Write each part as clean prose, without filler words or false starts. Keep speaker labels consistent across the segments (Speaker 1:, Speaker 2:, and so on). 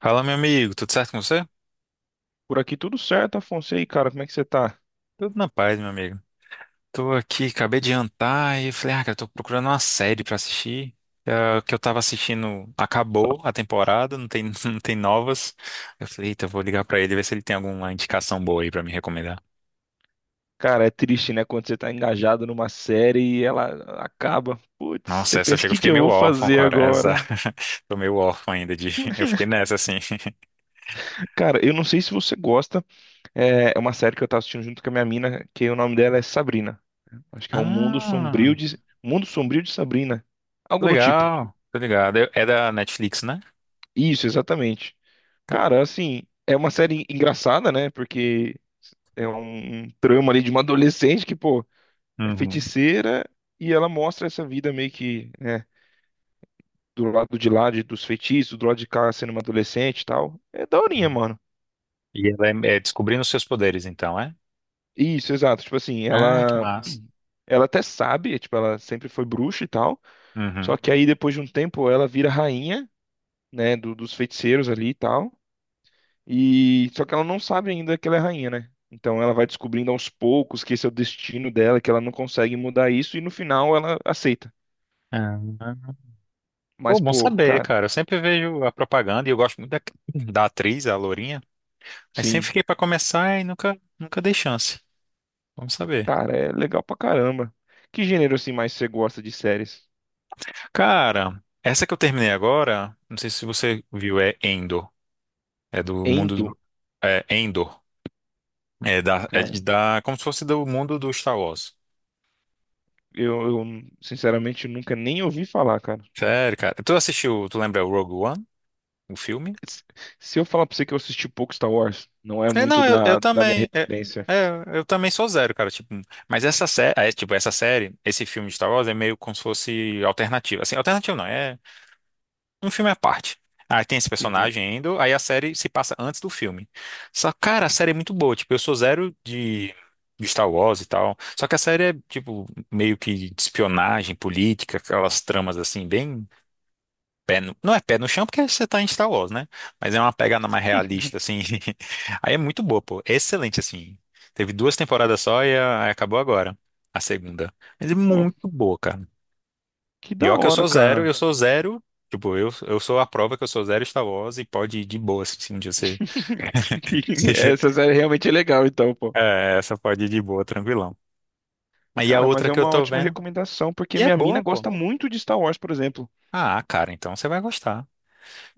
Speaker 1: Fala, meu amigo, tudo certo com você?
Speaker 2: Por aqui tudo certo, Afonso. E aí, cara, como é que você tá?
Speaker 1: Tudo na paz, meu amigo. Tô aqui, acabei de jantar e falei, ah, cara, tô procurando uma série pra assistir. É, o que eu tava assistindo acabou a temporada, não tem, não tem novas. Eu falei, eita, eu vou ligar pra ele, ver se ele tem alguma indicação boa aí pra me recomendar.
Speaker 2: Cara, é triste, né? Quando você tá engajado numa série e ela acaba. Putz, você
Speaker 1: Nossa, essa
Speaker 2: pensa, o
Speaker 1: chega, eu
Speaker 2: que
Speaker 1: fiquei
Speaker 2: que eu
Speaker 1: meio
Speaker 2: vou
Speaker 1: órfão,
Speaker 2: fazer
Speaker 1: cara. Essa.
Speaker 2: agora?
Speaker 1: Tô meio órfão ainda de. Eu fiquei nessa, assim.
Speaker 2: Cara, eu não sei se você gosta. É uma série que eu tava assistindo junto com a minha mina, que o nome dela é Sabrina. Acho que é um
Speaker 1: Ah,
Speaker 2: Mundo Sombrio de Sabrina. Algo do tipo.
Speaker 1: legal, tô ligado. É da Netflix, né?
Speaker 2: Isso, exatamente.
Speaker 1: Tá.
Speaker 2: Cara, assim, é uma série engraçada, né? Porque é um trama ali de uma adolescente que, pô, é
Speaker 1: Uhum.
Speaker 2: feiticeira e ela mostra essa vida meio que, né, do lado de lá dos feitiços, do lado de cá sendo uma adolescente e tal. É daorinha, mano.
Speaker 1: E ela é, descobrindo os seus poderes, então, é?
Speaker 2: Isso, exato. Tipo assim,
Speaker 1: Ah, que
Speaker 2: ela
Speaker 1: massa.
Speaker 2: ela até sabe, é, tipo, ela sempre foi bruxa e tal. Só
Speaker 1: Uhum.
Speaker 2: que aí depois de um tempo ela vira rainha, né, dos feiticeiros ali e tal. E só que ela não sabe ainda que ela é rainha, né? Então ela vai descobrindo aos poucos que esse é o destino dela, que ela não consegue mudar isso e no final ela aceita.
Speaker 1: Ah,
Speaker 2: Mas
Speaker 1: pô, bom
Speaker 2: pô,
Speaker 1: saber,
Speaker 2: cara,
Speaker 1: cara. Eu sempre vejo a propaganda e eu gosto muito da atriz, a Lourinha. Aí sempre
Speaker 2: sim.
Speaker 1: fiquei pra começar e nunca dei chance. Vamos saber.
Speaker 2: Cara, é legal pra caramba. Que gênero assim mais você gosta de séries?
Speaker 1: Cara, essa que eu terminei agora, não sei se você viu, é Endor. É do mundo
Speaker 2: Endo,
Speaker 1: do, é Endor. É da, é
Speaker 2: cara.
Speaker 1: de- da, Como se fosse do mundo do Star Wars.
Speaker 2: Eu sinceramente nunca nem ouvi falar, cara.
Speaker 1: Sério, cara. Tu assistiu, tu lembra o Rogue One, o filme?
Speaker 2: Se se eu falar pra você que eu assisti pouco Star Wars, não é
Speaker 1: É,
Speaker 2: muito
Speaker 1: não, eu
Speaker 2: da, da minha
Speaker 1: também. É,
Speaker 2: referência.
Speaker 1: é, eu também sou zero, cara. Tipo, mas essa série, é, tipo, essa série, esse filme de Star Wars é meio como se fosse alternativo. Assim, alternativo não, é um filme à parte. Aí tem esse
Speaker 2: Entendi.
Speaker 1: personagem indo, aí a série se passa antes do filme. Só, cara, a série é muito boa. Tipo, eu sou zero de Star Wars e tal. Só que a série é, tipo, meio que de espionagem, política, aquelas tramas assim, bem pé no- não é pé no chão porque você tá em Star Wars, né? Mas é uma pegada mais realista, assim. Aí é muito boa, pô. É excelente, assim. Teve duas temporadas só e acabou agora, a segunda. Mas é
Speaker 2: Pô,
Speaker 1: muito boa, cara.
Speaker 2: que
Speaker 1: E
Speaker 2: da
Speaker 1: ó que eu
Speaker 2: hora,
Speaker 1: sou zero,
Speaker 2: cara.
Speaker 1: eu sou zero. Tipo, eu sou a prova que eu sou zero Star Wars e pode ir de boa, assim, se um dia você. você-
Speaker 2: Essa série realmente é legal, então, pô.
Speaker 1: É, essa pode ir de boa, tranquilão. Aí a
Speaker 2: Cara, mas
Speaker 1: outra
Speaker 2: é
Speaker 1: que eu
Speaker 2: uma
Speaker 1: tô
Speaker 2: ótima
Speaker 1: vendo,
Speaker 2: recomendação, porque
Speaker 1: e é
Speaker 2: minha mina
Speaker 1: boa, pô.
Speaker 2: gosta muito de Star Wars, por exemplo.
Speaker 1: Ah, cara, então você vai gostar.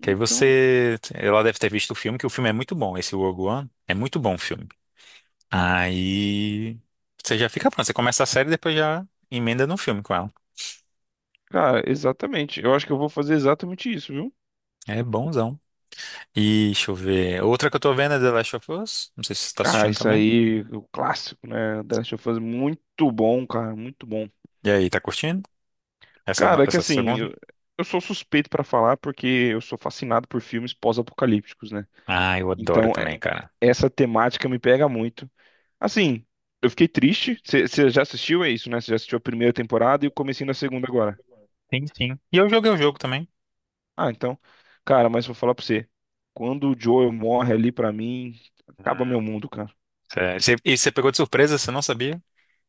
Speaker 1: Que aí você. Ela deve ter visto o filme, que o filme é muito bom. Esse Rogue One é muito bom o filme. Aí você já fica pronto. Você começa a série e depois já emenda no filme com ela.
Speaker 2: cara, exatamente. Eu acho que eu vou fazer exatamente isso, viu?
Speaker 1: É bonzão. E deixa eu ver. Outra que eu tô vendo é The Last of Us. Não sei se você tá
Speaker 2: Ah,
Speaker 1: assistindo
Speaker 2: isso
Speaker 1: também.
Speaker 2: aí, o clássico, né? The Last of Us, muito bom.
Speaker 1: E aí, tá curtindo? Essa,
Speaker 2: Cara, é que
Speaker 1: essa
Speaker 2: assim,
Speaker 1: segunda?
Speaker 2: eu sou suspeito pra falar porque eu sou fascinado por filmes pós-apocalípticos, né?
Speaker 1: Ah, eu adoro
Speaker 2: Então,
Speaker 1: também, cara.
Speaker 2: essa temática me pega muito. Assim, eu fiquei triste. Você já assistiu? É isso, né? Você já assistiu a primeira temporada e o comecinho da segunda agora.
Speaker 1: Sim, sim. E eu joguei o jogo também.
Speaker 2: Ah, então, cara, mas vou falar pra você. Quando o Joel morre ali pra mim, acaba meu mundo, cara.
Speaker 1: Sério. E você pegou de surpresa, você não sabia?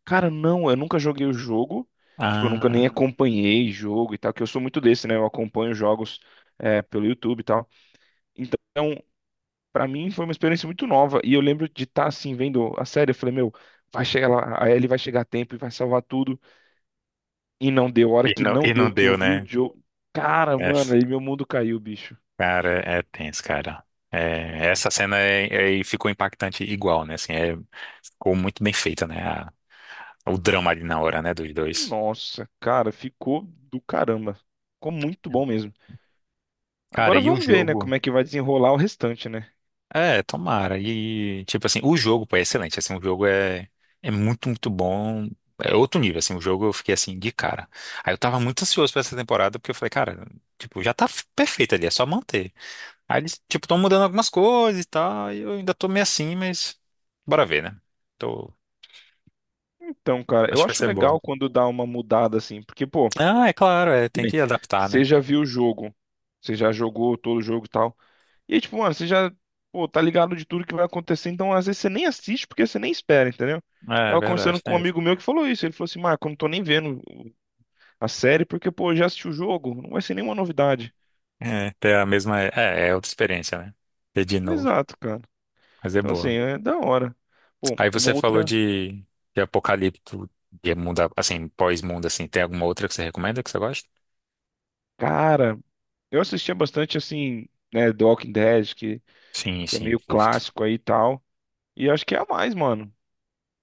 Speaker 2: Cara, não, eu nunca joguei o jogo. Tipo, eu nunca nem
Speaker 1: Ah.
Speaker 2: acompanhei jogo e tal, que eu sou muito desse, né? Eu acompanho jogos é, pelo YouTube e tal. Então, pra mim foi uma experiência muito nova. E eu lembro de estar assim, vendo a série, eu falei, meu, vai chegar lá, a Ellie vai chegar a tempo e vai salvar tudo. E não deu, a hora
Speaker 1: E
Speaker 2: que
Speaker 1: não,
Speaker 2: não
Speaker 1: e não
Speaker 2: deu, que eu
Speaker 1: deu,
Speaker 2: vi o
Speaker 1: né?
Speaker 2: Joe. Cara,
Speaker 1: É.
Speaker 2: mano, aí meu mundo caiu, bicho.
Speaker 1: Cara, é tenso, cara. É, essa cena ficou impactante igual, né? Assim, é, ficou muito bem feita, né? O drama ali na hora, né? Dos dois.
Speaker 2: Nossa, cara, ficou do caramba. Ficou muito bom mesmo.
Speaker 1: Cara,
Speaker 2: Agora
Speaker 1: e o
Speaker 2: vamos ver, né,
Speaker 1: jogo?
Speaker 2: como é que vai desenrolar o restante, né?
Speaker 1: É, tomara. E, tipo assim, o jogo, pô, é excelente. Assim, o jogo é muito, muito bom. É outro nível, assim. O jogo eu fiquei, assim, de cara. Aí eu tava muito ansioso pra essa temporada, porque eu falei, cara, tipo, já tá perfeito ali, é só manter. Aí eles, tipo, tão mudando algumas coisas e tal, e eu ainda tô meio assim, mas bora ver, né? Tô...
Speaker 2: Então, cara,
Speaker 1: Acho
Speaker 2: eu
Speaker 1: que vai
Speaker 2: acho
Speaker 1: ser
Speaker 2: legal
Speaker 1: boa.
Speaker 2: quando dá uma mudada assim, porque, pô,
Speaker 1: Ah, é claro, é,
Speaker 2: que
Speaker 1: tem
Speaker 2: nem-
Speaker 1: que adaptar, né?
Speaker 2: você já viu o jogo, você já jogou todo o jogo e tal. E aí, tipo, mano, você já, pô, tá ligado de tudo que vai acontecer, então às vezes você nem assiste porque você nem espera, entendeu?
Speaker 1: É, é
Speaker 2: Tava conversando
Speaker 1: verdade,
Speaker 2: com um
Speaker 1: tem isso.
Speaker 2: amigo meu que falou isso. Ele falou assim, Marco, eu não tô nem vendo a série porque, pô, eu já assisti o jogo, não vai ser nenhuma novidade.
Speaker 1: É, ter a mesma. É outra experiência, né? Ter de novo,
Speaker 2: Exato, cara.
Speaker 1: mas é
Speaker 2: Então, assim,
Speaker 1: boa.
Speaker 2: é da hora. Bom,
Speaker 1: Aí
Speaker 2: uma
Speaker 1: você falou
Speaker 2: outra.
Speaker 1: de, apocalipto, de mundo, assim, pós-mundo, assim. Tem alguma outra que você recomenda que você gosta?
Speaker 2: Cara, eu assistia bastante, assim, né, The Walking Dead,
Speaker 1: Sim,
Speaker 2: que é
Speaker 1: sim,
Speaker 2: meio
Speaker 1: curto.
Speaker 2: clássico aí e tal. E acho que é a mais, mano.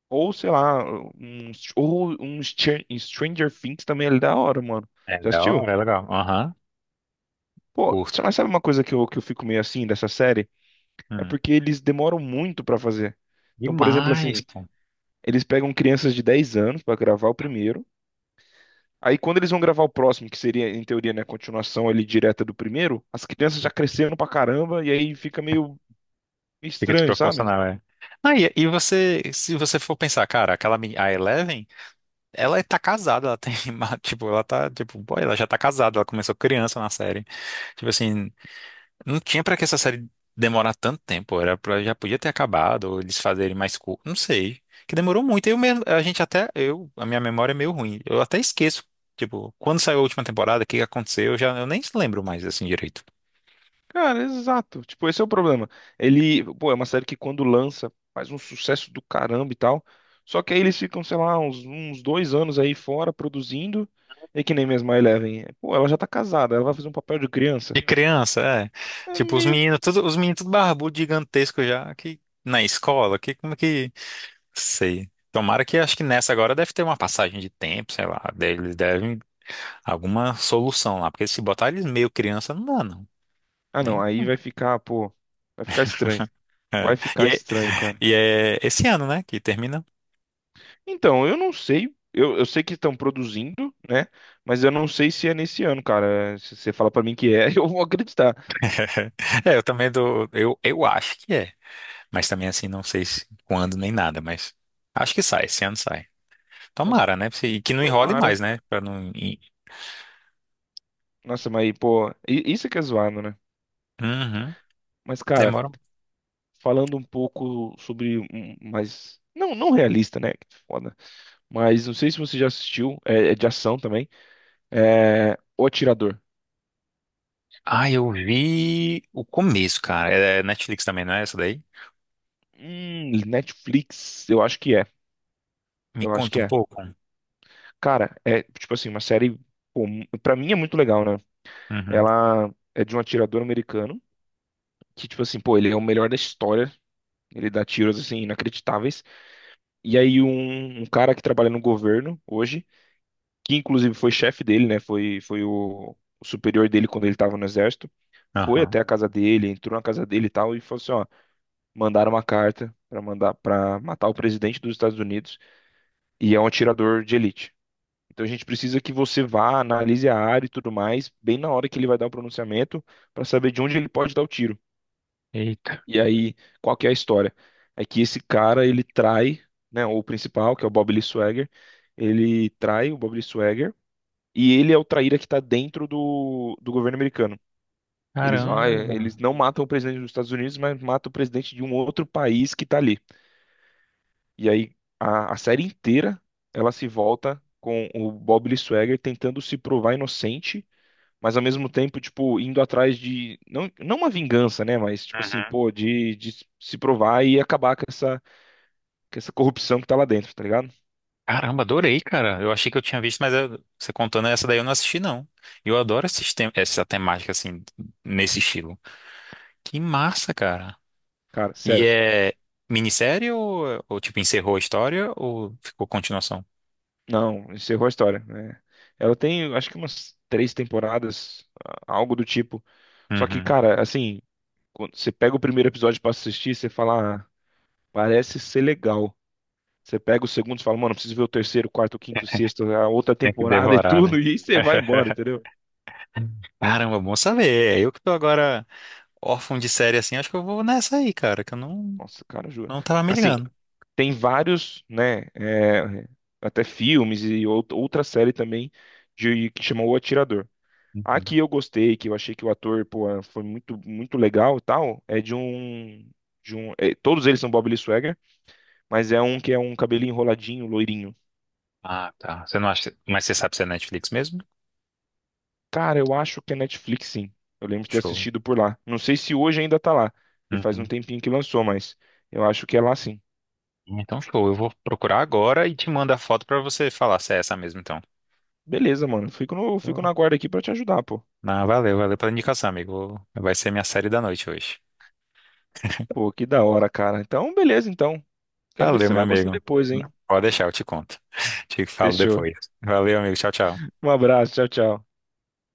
Speaker 2: Ou, sei lá, um, ou um Stranger Things também é da hora, mano.
Speaker 1: É
Speaker 2: Já
Speaker 1: da
Speaker 2: assistiu?
Speaker 1: hora, é legal. Aham,
Speaker 2: Pô,
Speaker 1: curto.
Speaker 2: você mas sabe uma coisa que eu fico meio assim dessa série? É
Speaker 1: Hum.
Speaker 2: porque eles demoram muito pra fazer. Então, por exemplo,
Speaker 1: Demais,
Speaker 2: assim,
Speaker 1: pô.
Speaker 2: eles pegam crianças de 10 anos pra gravar o primeiro. Aí, quando eles vão gravar o próximo, que seria, em teoria, né, a continuação ali direta do primeiro, as crianças já cresceram pra caramba e aí fica meio
Speaker 1: Fica
Speaker 2: estranho, sabe?
Speaker 1: desproporcional, é. Ah, e você, se você for pensar, cara, aquela a Eleven, ela tá casada, ela tem, tipo, ela tá, tipo, boy, ela já tá casada, ela começou criança na série. Tipo assim, não tinha pra que essa série demorar tanto tempo, era para já podia ter acabado, ou eles fazerem mais curto, não sei. Que demorou muito, eu mesmo, a gente até, eu, a minha memória é meio ruim, eu até esqueço, tipo, quando saiu a última temporada, o que que aconteceu, eu nem lembro mais, assim, direito.
Speaker 2: Cara, exato. Tipo, esse é o problema. Ele, pô, é uma série que quando lança faz um sucesso do caramba e tal. Só que aí eles ficam, sei lá, uns 2 anos aí fora produzindo. É que nem mesmo a Eleven. É, pô, ela já tá casada, ela vai fazer um papel de criança.
Speaker 1: De criança, é,
Speaker 2: É
Speaker 1: tipo,
Speaker 2: meio.
Speaker 1: os meninos tudo barbudo, gigantesco já, que, na escola, que, como que, sei. Tomara que, acho que nessa agora deve ter uma passagem de tempo, sei lá, eles devem, alguma solução lá, porque se botar eles meio criança, não dá, não.
Speaker 2: Ah, não,
Speaker 1: Nem-
Speaker 2: aí vai ficar, pô. Vai ficar estranho.
Speaker 1: É.
Speaker 2: Vai
Speaker 1: E,
Speaker 2: ficar
Speaker 1: é,
Speaker 2: estranho, cara.
Speaker 1: e é esse ano, né, que termina.
Speaker 2: Então, eu não sei. Eu sei que estão produzindo, né? Mas eu não sei se é nesse ano, cara. Se você fala pra mim que é, eu vou acreditar.
Speaker 1: É, eu também dou, eu acho que é, mas também assim, não sei se quando nem nada, mas acho que sai, esse ano sai.
Speaker 2: Bom,
Speaker 1: Tomara, né, e que não enrole
Speaker 2: tomara.
Speaker 1: mais, né, pra não.
Speaker 2: Nossa, mas pô, isso que é zoado, né?
Speaker 1: Uhum,
Speaker 2: Mas, cara,
Speaker 1: demora.
Speaker 2: falando um pouco sobre um mais. Não, não realista, né? Que foda. Mas não sei se você já assistiu, é, é de ação também. É... O Atirador.
Speaker 1: Ah, eu vi o começo, cara, é Netflix também, não é essa daí?
Speaker 2: Netflix, eu acho que é.
Speaker 1: Me
Speaker 2: Eu acho
Speaker 1: conta
Speaker 2: que
Speaker 1: um
Speaker 2: é.
Speaker 1: pouco.
Speaker 2: Cara, é tipo assim, uma série. Pô, pra mim é muito legal, né?
Speaker 1: Uhum,
Speaker 2: Ela é de um atirador americano. Que, tipo assim, pô, ele é o melhor da história. Ele dá tiros, assim, inacreditáveis. E aí, um cara que trabalha no governo hoje, que inclusive foi chefe dele, né? Foi o superior dele quando ele estava no exército. Foi
Speaker 1: aham.
Speaker 2: até a casa dele, entrou na casa dele e tal, e falou assim, ó, mandaram uma carta para mandar para matar o presidente dos Estados Unidos e é um atirador de elite. Então a gente precisa que você vá, analise a área e tudo mais, bem na hora que ele vai dar o pronunciamento, para saber de onde ele pode dar o tiro.
Speaker 1: Eita,
Speaker 2: E aí, qual que é a história? É que esse cara, ele trai, né, o principal, que é o Bob Lee Swagger, ele trai o Bob Lee Swagger e ele é o traíra que está dentro do, do governo americano. Eles vai, eles
Speaker 1: caramba.
Speaker 2: não matam o presidente dos Estados Unidos, mas matam o presidente de um outro país que está ali. E aí a série inteira ela se volta com o Bob Lee Swagger tentando se provar inocente, mas ao mesmo tempo, tipo, indo atrás de não, não uma vingança, né, mas tipo assim,
Speaker 1: Uhum.
Speaker 2: pô, de se provar e acabar com essa corrupção que tá lá dentro, tá ligado?
Speaker 1: Caramba, adorei, cara. Eu achei que eu tinha visto, mas você contando essa daí eu não assisti, não. E eu adoro esses essa temática, assim, nesse estilo. Que massa, cara.
Speaker 2: Cara,
Speaker 1: E
Speaker 2: sério.
Speaker 1: é minissérie ou, tipo, encerrou a história ou ficou continuação?
Speaker 2: Não, encerrou a história, né? Ela tem, acho que umas 3 temporadas, algo do tipo. Só que,
Speaker 1: Uhum.
Speaker 2: cara, assim, quando você pega o primeiro episódio pra assistir, você fala, ah, parece ser legal. Você pega o segundo e fala, mano, preciso ver o terceiro, quarto, quinto, sexto, a outra
Speaker 1: Tem que
Speaker 2: temporada e
Speaker 1: devorar,
Speaker 2: tudo,
Speaker 1: né?
Speaker 2: e aí você vai embora, entendeu?
Speaker 1: Caramba, bom saber. É, eu que tô agora órfão de série assim, acho que eu vou nessa aí, cara, que eu não,
Speaker 2: Nossa, cara, juro.
Speaker 1: não tava me
Speaker 2: Assim,
Speaker 1: ligando.
Speaker 2: tem vários, né, é, até filmes e outra série também de, que chamou O Atirador. A
Speaker 1: Uhum.
Speaker 2: que eu gostei, que eu achei que o ator, pô, eh, foi muito, muito legal e tal, é de um, eh, todos eles são Bob Lee Swagger, mas é um que é um cabelinho enroladinho, loirinho.
Speaker 1: Ah, tá. Você não acha. Mas você sabe se é Netflix mesmo?
Speaker 2: Cara, eu acho que é Netflix, sim. Eu lembro de ter
Speaker 1: Show.
Speaker 2: assistido por lá. Não sei se hoje ainda tá lá, porque faz um
Speaker 1: Uhum.
Speaker 2: tempinho que lançou, mas eu acho que é lá sim.
Speaker 1: Então, show. Eu vou procurar agora e te mando a foto pra você falar se é essa mesmo, então.
Speaker 2: Beleza, mano. Fico no, fico
Speaker 1: Pô.
Speaker 2: na guarda aqui pra te ajudar, pô.
Speaker 1: Não, valeu, valeu pela indicação, amigo. Vai ser minha série da noite hoje.
Speaker 2: Pô, que da hora, cara. Então, beleza, então. Quero ver se
Speaker 1: Valeu,
Speaker 2: você
Speaker 1: meu
Speaker 2: vai gostar
Speaker 1: amigo.
Speaker 2: depois, hein?
Speaker 1: Pode deixar, eu te conto. Te falo
Speaker 2: Fechou.
Speaker 1: depois. Valeu, amigo. Tchau, tchau.
Speaker 2: Um abraço, tchau, tchau.